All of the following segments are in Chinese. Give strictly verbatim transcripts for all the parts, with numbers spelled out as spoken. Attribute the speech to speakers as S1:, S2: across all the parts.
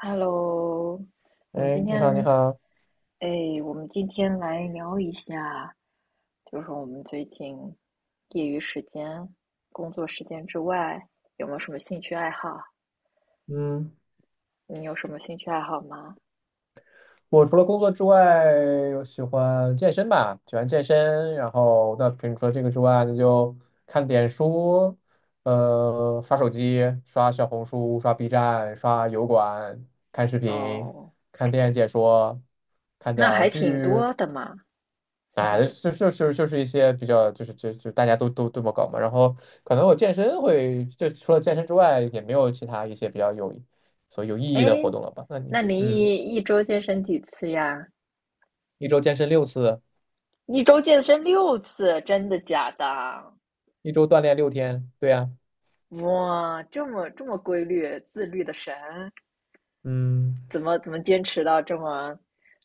S1: Hello，我们
S2: 哎，
S1: 今
S2: 你好，你
S1: 天，
S2: 好，
S1: 哎，我们今天来聊一下，就是我们最近业余时间、工作时间之外，有没有什么兴趣爱好？
S2: 嗯，
S1: 你有什么兴趣爱好吗？
S2: 我除了工作之外，我喜欢健身吧，喜欢健身。然后，那平除了这个之外，那就看点书，呃，刷手机，刷小红书，刷 B 站，刷油管，看视频，
S1: 哦，
S2: 看电影解说，看点
S1: 那
S2: 儿
S1: 还挺
S2: 剧，
S1: 多的嘛。
S2: 哎，就就就就是一些比较，就是就就大家都都这么搞嘛。然后，可能我健身会，就除了健身之外，也没有其他一些比较有所以有意
S1: 哎，
S2: 义的活动了吧？那你，
S1: 那你
S2: 嗯。
S1: 一一周健身几次呀？
S2: 一周健身六次，
S1: 一周健身六次，真的假的？
S2: 一周锻炼六天，对呀，
S1: 哇，这么这么规律、自律的神！
S2: 嗯，
S1: 怎么怎么坚持到这么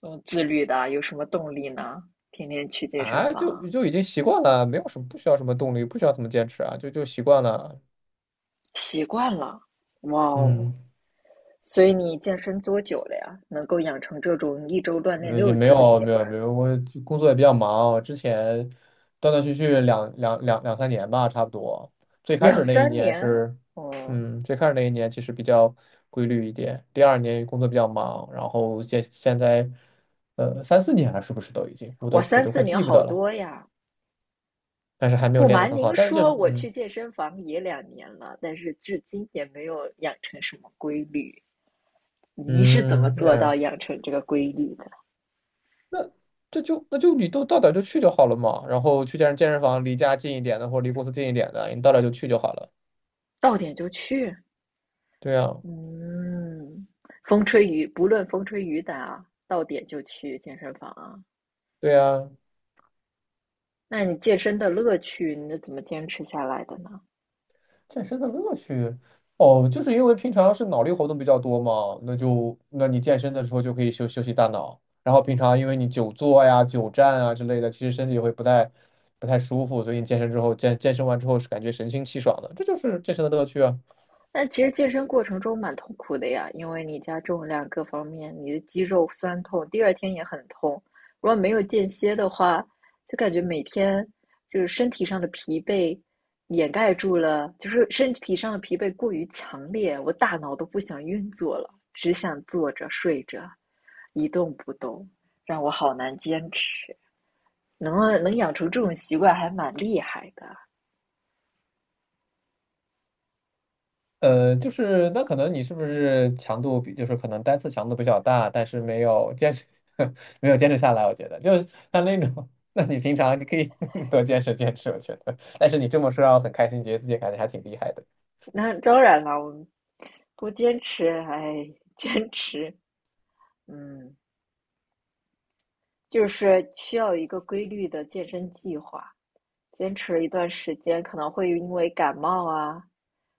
S1: 嗯自律的？有什么动力呢？天天去健身
S2: 啊，就
S1: 房，
S2: 就已经习惯了，没有什么不需要什么动力，不需要怎么坚持啊，就就习惯了，
S1: 习惯了，哇哦！
S2: 嗯，
S1: 所以你健身多久了呀？能够养成这种一周锻炼
S2: 呃，也
S1: 六
S2: 没
S1: 次的
S2: 有
S1: 习
S2: 没有
S1: 惯？
S2: 没有，我工作也比较忙，我之前断断续续两两两两三年吧，差不多，最开始
S1: 两
S2: 那一
S1: 三
S2: 年
S1: 年？
S2: 是，
S1: 哦，
S2: 嗯，最开始那一年其实比较规律一点，第二年工作比较忙，然后现现在，呃，三四年了，是不是都已经，我
S1: 我
S2: 都我
S1: 三
S2: 都
S1: 四
S2: 快
S1: 年
S2: 记不得
S1: 好
S2: 了。
S1: 多呀。
S2: 但是还没有
S1: 不
S2: 练得
S1: 瞒
S2: 很
S1: 您
S2: 好。但是就
S1: 说，
S2: 是，
S1: 我
S2: 嗯，
S1: 去健身房也两年了，但是至今也没有养成什么规律。你是怎么
S2: 嗯，那
S1: 做到
S2: 样
S1: 养成这个规律的？
S2: 这就那就你都到点儿就去就好了嘛。然后去健身健身房，离家近一点的或者离公司近一点的，你到点儿就去就好了。
S1: 到点就去，
S2: 对呀，
S1: 嗯，风吹雨，不论风吹雨打，到点就去健身房啊。
S2: 对呀，
S1: 那你健身的乐趣，你是怎么坚持下来的呢？
S2: 健身的乐趣哦，就是因为平常是脑力活动比较多嘛，那就那你健身的时候就可以休休息大脑。然后平常因为你久坐呀、久站啊之类的，其实身体会不太不太舒服，所以你健身之后健健身完之后是感觉神清气爽的，这就是健身的乐趣啊。
S1: 但其实健身过程中蛮痛苦的呀，因为你加重量各方面，你的肌肉酸痛，第二天也很痛。如果没有间歇的话，就感觉每天就是身体上的疲惫掩盖住了，就是身体上的疲惫过于强烈，我大脑都不想运作了，只想坐着睡着，一动不动，让我好难坚持。能啊能养成这种习惯还蛮厉害的。
S2: 呃，就是那可能你是不是强度比，就是可能单次强度比较大，但是没有坚持，没有坚持下来。我觉得就是像那种，那你平常你可以 多坚持坚持，我觉得。但是你这么说让我很开心，觉得自己感觉还挺厉害的。
S1: 那当然了，我们不坚持，哎，坚持，嗯，就是需要一个规律的健身计划。坚持了一段时间，可能会因为感冒啊，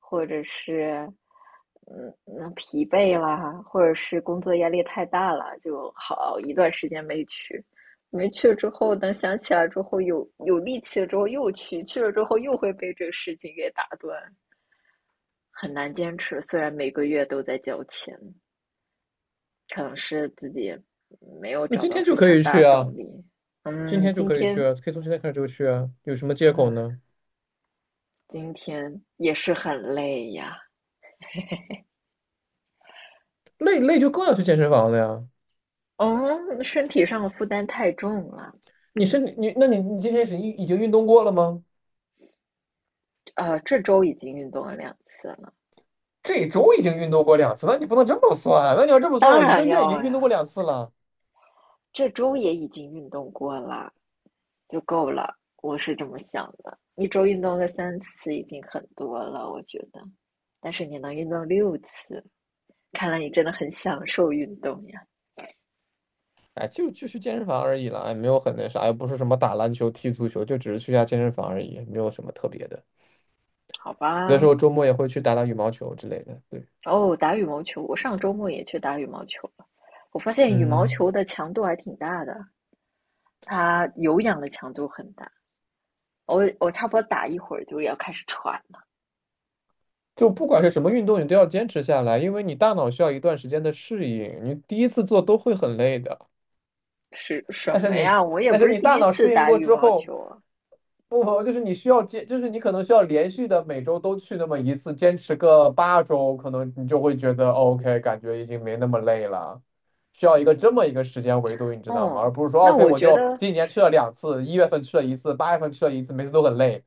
S1: 或者是嗯嗯疲惫啦，或者是工作压力太大了，就好一段时间没去。没去了之后，等想起来之后，有有力气了之后又去，去了之后又会被这个事情给打断，很难坚持。虽然每个月都在交钱。可能是自己没有
S2: 那
S1: 找
S2: 今
S1: 到
S2: 天就
S1: 非
S2: 可
S1: 常
S2: 以
S1: 大
S2: 去
S1: 的
S2: 啊，
S1: 动力。
S2: 今
S1: 嗯，
S2: 天就
S1: 今
S2: 可以去
S1: 天，
S2: 啊，可以从现在开始就去啊，有什么借口
S1: 嗯，
S2: 呢？
S1: 今天也是很累呀。
S2: 累累就更要去健身房了呀。
S1: 嗯，身体上的负担太重了。
S2: 你是你，那你你今天是已已经运动过了吗？
S1: 呃，这周已经运动了两次了，
S2: 这周已经运动过两次，那你不能这么算啊。那你要这么算，
S1: 当
S2: 我一个
S1: 然
S2: 月已经
S1: 要
S2: 运动过
S1: 呀。
S2: 两次了。
S1: 这周也已经运动过了，就够了。我是这么想的，一周运动个三次已经很多了，我觉得。但是你能运动六次，看来你真的很享受运动呀。
S2: 哎，就就去健身房而已了，哎，没有很那啥，也不是什么打篮球、踢足球，就只是去下健身房而已，没有什么特别的。
S1: 好
S2: 有的时
S1: 吧，
S2: 候周末也会去打打羽毛球之类的。对，
S1: 哦，打羽毛球，我上周末也去打羽毛球了。我发现羽毛
S2: 嗯，
S1: 球的强度还挺大的，它有氧的强度很大。我我差不多打一会儿就要开始喘了，
S2: 就不管是什么运动，你都要坚持下来，因为你大脑需要一段时间的适应，你第一次做都会很累的。
S1: 是什
S2: 但是
S1: 么
S2: 你
S1: 呀？我也
S2: 但是
S1: 不是
S2: 你
S1: 第
S2: 大
S1: 一
S2: 脑
S1: 次
S2: 适应
S1: 打
S2: 过
S1: 羽
S2: 之
S1: 毛
S2: 后，
S1: 球啊。
S2: 不就是你需要坚，就是你可能需要连续的每周都去那么一次，坚持个八周，可能你就会觉得哦 OK，感觉已经没那么累了。需要一个这么一
S1: 嗯，
S2: 个时间维度，你知道吗？而
S1: 哦，
S2: 不是说哦
S1: 那
S2: OK，
S1: 我
S2: 我
S1: 觉
S2: 就
S1: 得，
S2: 今年去了两次，一月份去了一次，八月份去了一次，每次都很累，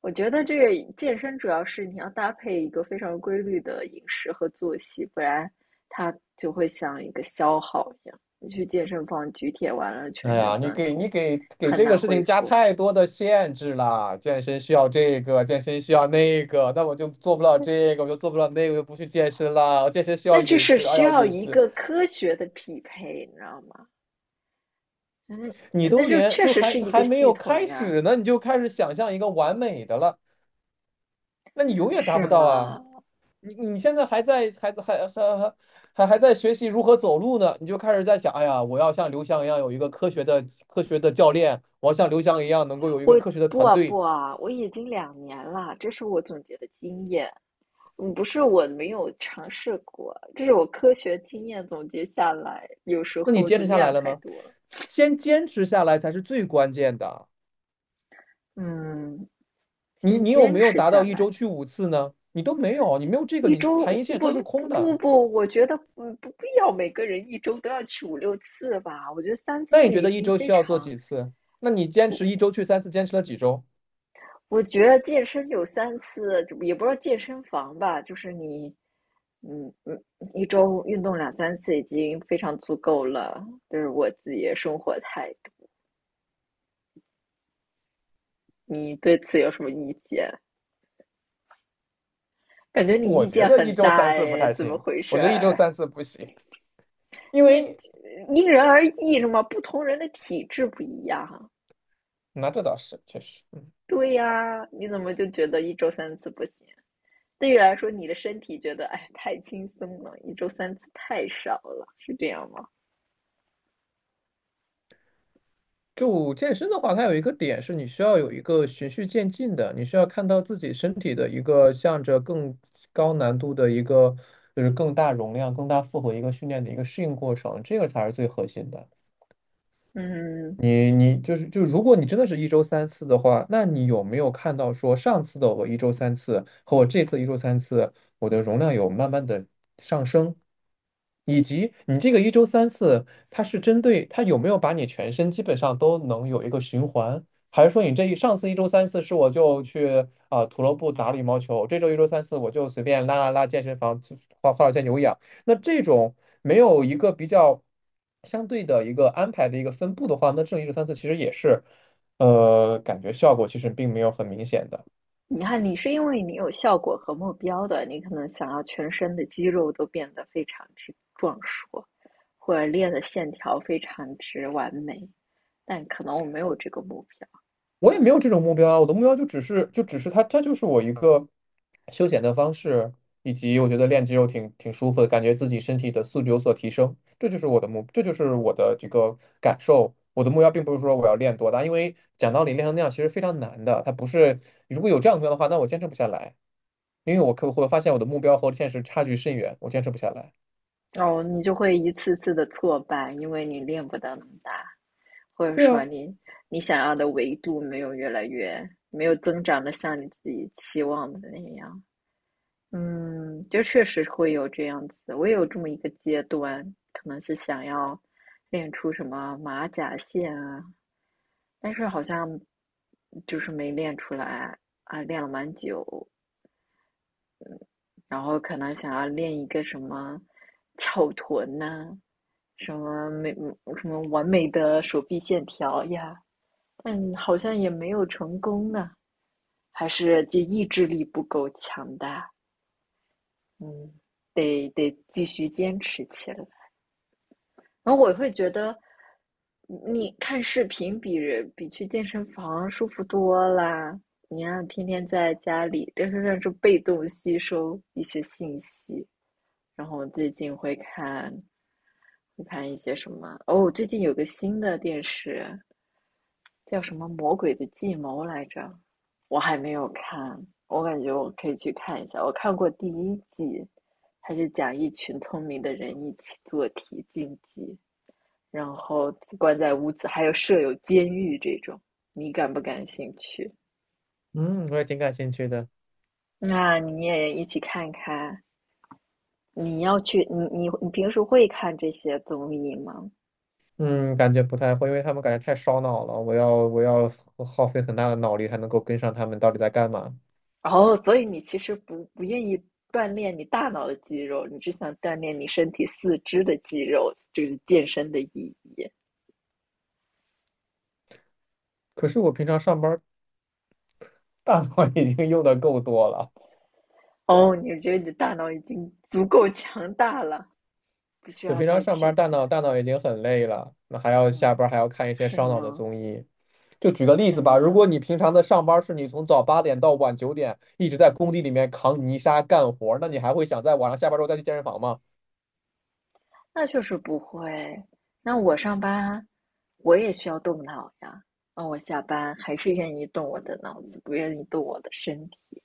S1: 我觉得这个健身主要是你要搭配一个非常规律的饮食和作息，不然它就会像一个消耗一样。你去健身房举铁完了，全
S2: 哎
S1: 身
S2: 呀，你
S1: 酸
S2: 给你
S1: 痛，
S2: 给给
S1: 很
S2: 这个
S1: 难
S2: 事
S1: 恢
S2: 情加
S1: 复。
S2: 太多的限制了。健身需要这个，健身需要那个，那我就做不了这个，我就做不了那个，我就不去健身了。健身需要
S1: 那这
S2: 饮
S1: 是
S2: 食，哎
S1: 需
S2: 呀，
S1: 要
S2: 饮
S1: 一
S2: 食，
S1: 个科学的匹配，你知道吗？嗯，
S2: 你
S1: 那
S2: 都
S1: 就
S2: 连
S1: 确
S2: 就
S1: 实
S2: 还
S1: 是一个
S2: 还没
S1: 系
S2: 有
S1: 统
S2: 开
S1: 呀，
S2: 始呢，你就开始想象一个完美的了，那你永远达
S1: 是
S2: 不到
S1: 吗？
S2: 啊。你你现在还在还还还还还还在学习如何走路呢，你就开始在想，哎呀，我要像刘翔一样有一个科学的科学的教练，我要像刘翔一样能够有一个
S1: 我
S2: 科学的
S1: 不
S2: 团
S1: 啊不
S2: 队。
S1: 啊，我已经两年了，这是我总结的经验，嗯，不是我没有尝试过，这是我科学经验总结下来，有时
S2: 那你
S1: 候
S2: 坚
S1: 就
S2: 持下来
S1: 量
S2: 了
S1: 太
S2: 吗？
S1: 多了，
S2: 先坚持下来才是最关键的。
S1: 嗯，
S2: 你
S1: 先
S2: 你有
S1: 坚
S2: 没有
S1: 持
S2: 达
S1: 下
S2: 到一
S1: 来。
S2: 周去五次呢？你都没有，你没有这个，
S1: 一
S2: 你
S1: 周
S2: 谈一切都
S1: 不
S2: 是
S1: 不
S2: 空
S1: 不
S2: 的。
S1: 不，我觉得嗯不必要每个人一周都要去五六次吧，我觉得三
S2: 那你
S1: 次
S2: 觉
S1: 已
S2: 得一
S1: 经
S2: 周
S1: 非
S2: 需要做
S1: 常。
S2: 几次？那你坚持一周去三次，坚持了几周？
S1: 我觉得健身有三次，也不知道健身房吧，就是你，嗯嗯，一周运动两三次已经非常足够了。就是我自己的生活态度，你对此有什么意见？感觉你
S2: 我
S1: 意
S2: 觉
S1: 见
S2: 得一
S1: 很
S2: 周
S1: 大
S2: 三次不
S1: 哎，
S2: 太
S1: 怎么
S2: 行，
S1: 回
S2: 我
S1: 事
S2: 觉得一周
S1: 儿？
S2: 三次不行，因
S1: 因为
S2: 为
S1: 因人而异是吗？不同人的体质不一样。
S2: 那这倒是确实。
S1: 对呀，你怎么就觉得一周三次不行？对于来说，你的身体觉得哎太轻松了，一周三次太少了，是这样吗？
S2: 就健身的话，它有一个点是你需要有一个循序渐进的，你需要看到自己身体的一个向着更高难度的一个，就是更大容量、更大负荷一个训练的一个适应过程，这个才是最核心的。
S1: 嗯，
S2: 你你就是就如果你真的是一周三次的话，那你有没有看到说上次的我一周三次和我这次一周三次，我的容量有慢慢的上升？以及你这个一周三次，它是针对它有没有把你全身基本上都能有一个循环，还是说你这一上次一周三次是我就去啊、土乐部打了羽毛球，这周一周三次我就随便拉拉拉健身房，就画画了些有氧，那这种没有一个比较相对的一个安排的一个分布的话，那这种一周三次其实也是，呃，感觉效果其实并没有很明显的。
S1: 你看，你是因为你有效果和目标的，你可能想要全身的肌肉都变得非常之壮硕，或者练的线条非常之完美，但可能我没有这个目标，
S2: 我也没有这种目标啊，我的目标就只是就只是它，它就是我一个休闲的方式，以及我觉得练肌肉挺挺舒服的，感觉自己身体的素质有所提升，这就是我的目，这就是我的这个感受。我的目标并不是说我要练多大，因为讲道理练成那样其实非常难的，它不是如果有这样的目标的话，那我坚持不下来，因为我可我会发现我的目标和现实差距甚远，我坚持不下来。
S1: 哦，你就会一次次的挫败，因为你练不到那么大，或者
S2: 对
S1: 说
S2: 啊，
S1: 你你想要的维度没有越来越没有增长的像你自己期望的那样，嗯，就确实会有这样子，我也有这么一个阶段，可能是想要练出什么马甲线啊，但是好像就是没练出来啊，练了蛮久，然后可能想要练一个什么翘臀呐、什么美什么完美的手臂线条呀，但好像也没有成功呢，还是就意志力不够强大，嗯，得得继续坚持起来。然后我会觉得，你看视频比比去健身房舒服多啦。你看，天天在家里，这就算是被动吸收一些信息。然后我最近会看，会看一些什么？哦，最近有个新的电视叫什么《魔鬼的计谋》来着，我还没有看，我感觉我可以去看一下。我看过第一季，它是讲一群聪明的人一起做题竞技。然后关在屋子，还有设有监狱这种，你感不感兴趣？
S2: 嗯，我也挺感兴趣的。
S1: 那你也一起看看。你要去，你你你平时会看这些综艺吗？
S2: 嗯，感觉不太会，因为他们感觉太烧脑了，我要我要耗费很大的脑力才能够跟上他们到底在干嘛。
S1: 哦，所以你其实不不愿意锻炼你大脑的肌肉，你只想锻炼你身体四肢的肌肉，这是健身的意义。
S2: 可是我平常上班儿大脑 已经用的够多了，
S1: 哦，你觉得你的大脑已经足够强大了，不需
S2: 就
S1: 要
S2: 平常
S1: 再
S2: 上班
S1: 去
S2: 儿大
S1: 健。
S2: 脑大脑已经很累了，那还要下
S1: 嗯，
S2: 班儿还要看一些
S1: 是
S2: 烧脑的
S1: 呢，
S2: 综艺。就举个例
S1: 是
S2: 子吧，如
S1: 呢。
S2: 果你平常的上班儿是你从早八点到晚九点一直在工地里面扛泥沙干活儿那你还会想在晚上下班儿之后再去健身房吗？
S1: 那就是不会。那我上班，我也需要动脑呀。那我下班还是愿意动我的脑子，不愿意动我的身体。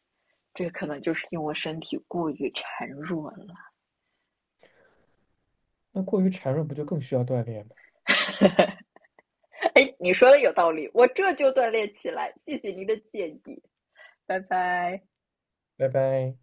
S1: 这可能就是因为我身体过于孱弱了。
S2: 那过于孱弱不就更需要锻炼吗？
S1: 哎，你说的有道理，我这就锻炼起来。谢谢您的建议，拜拜。
S2: 拜拜。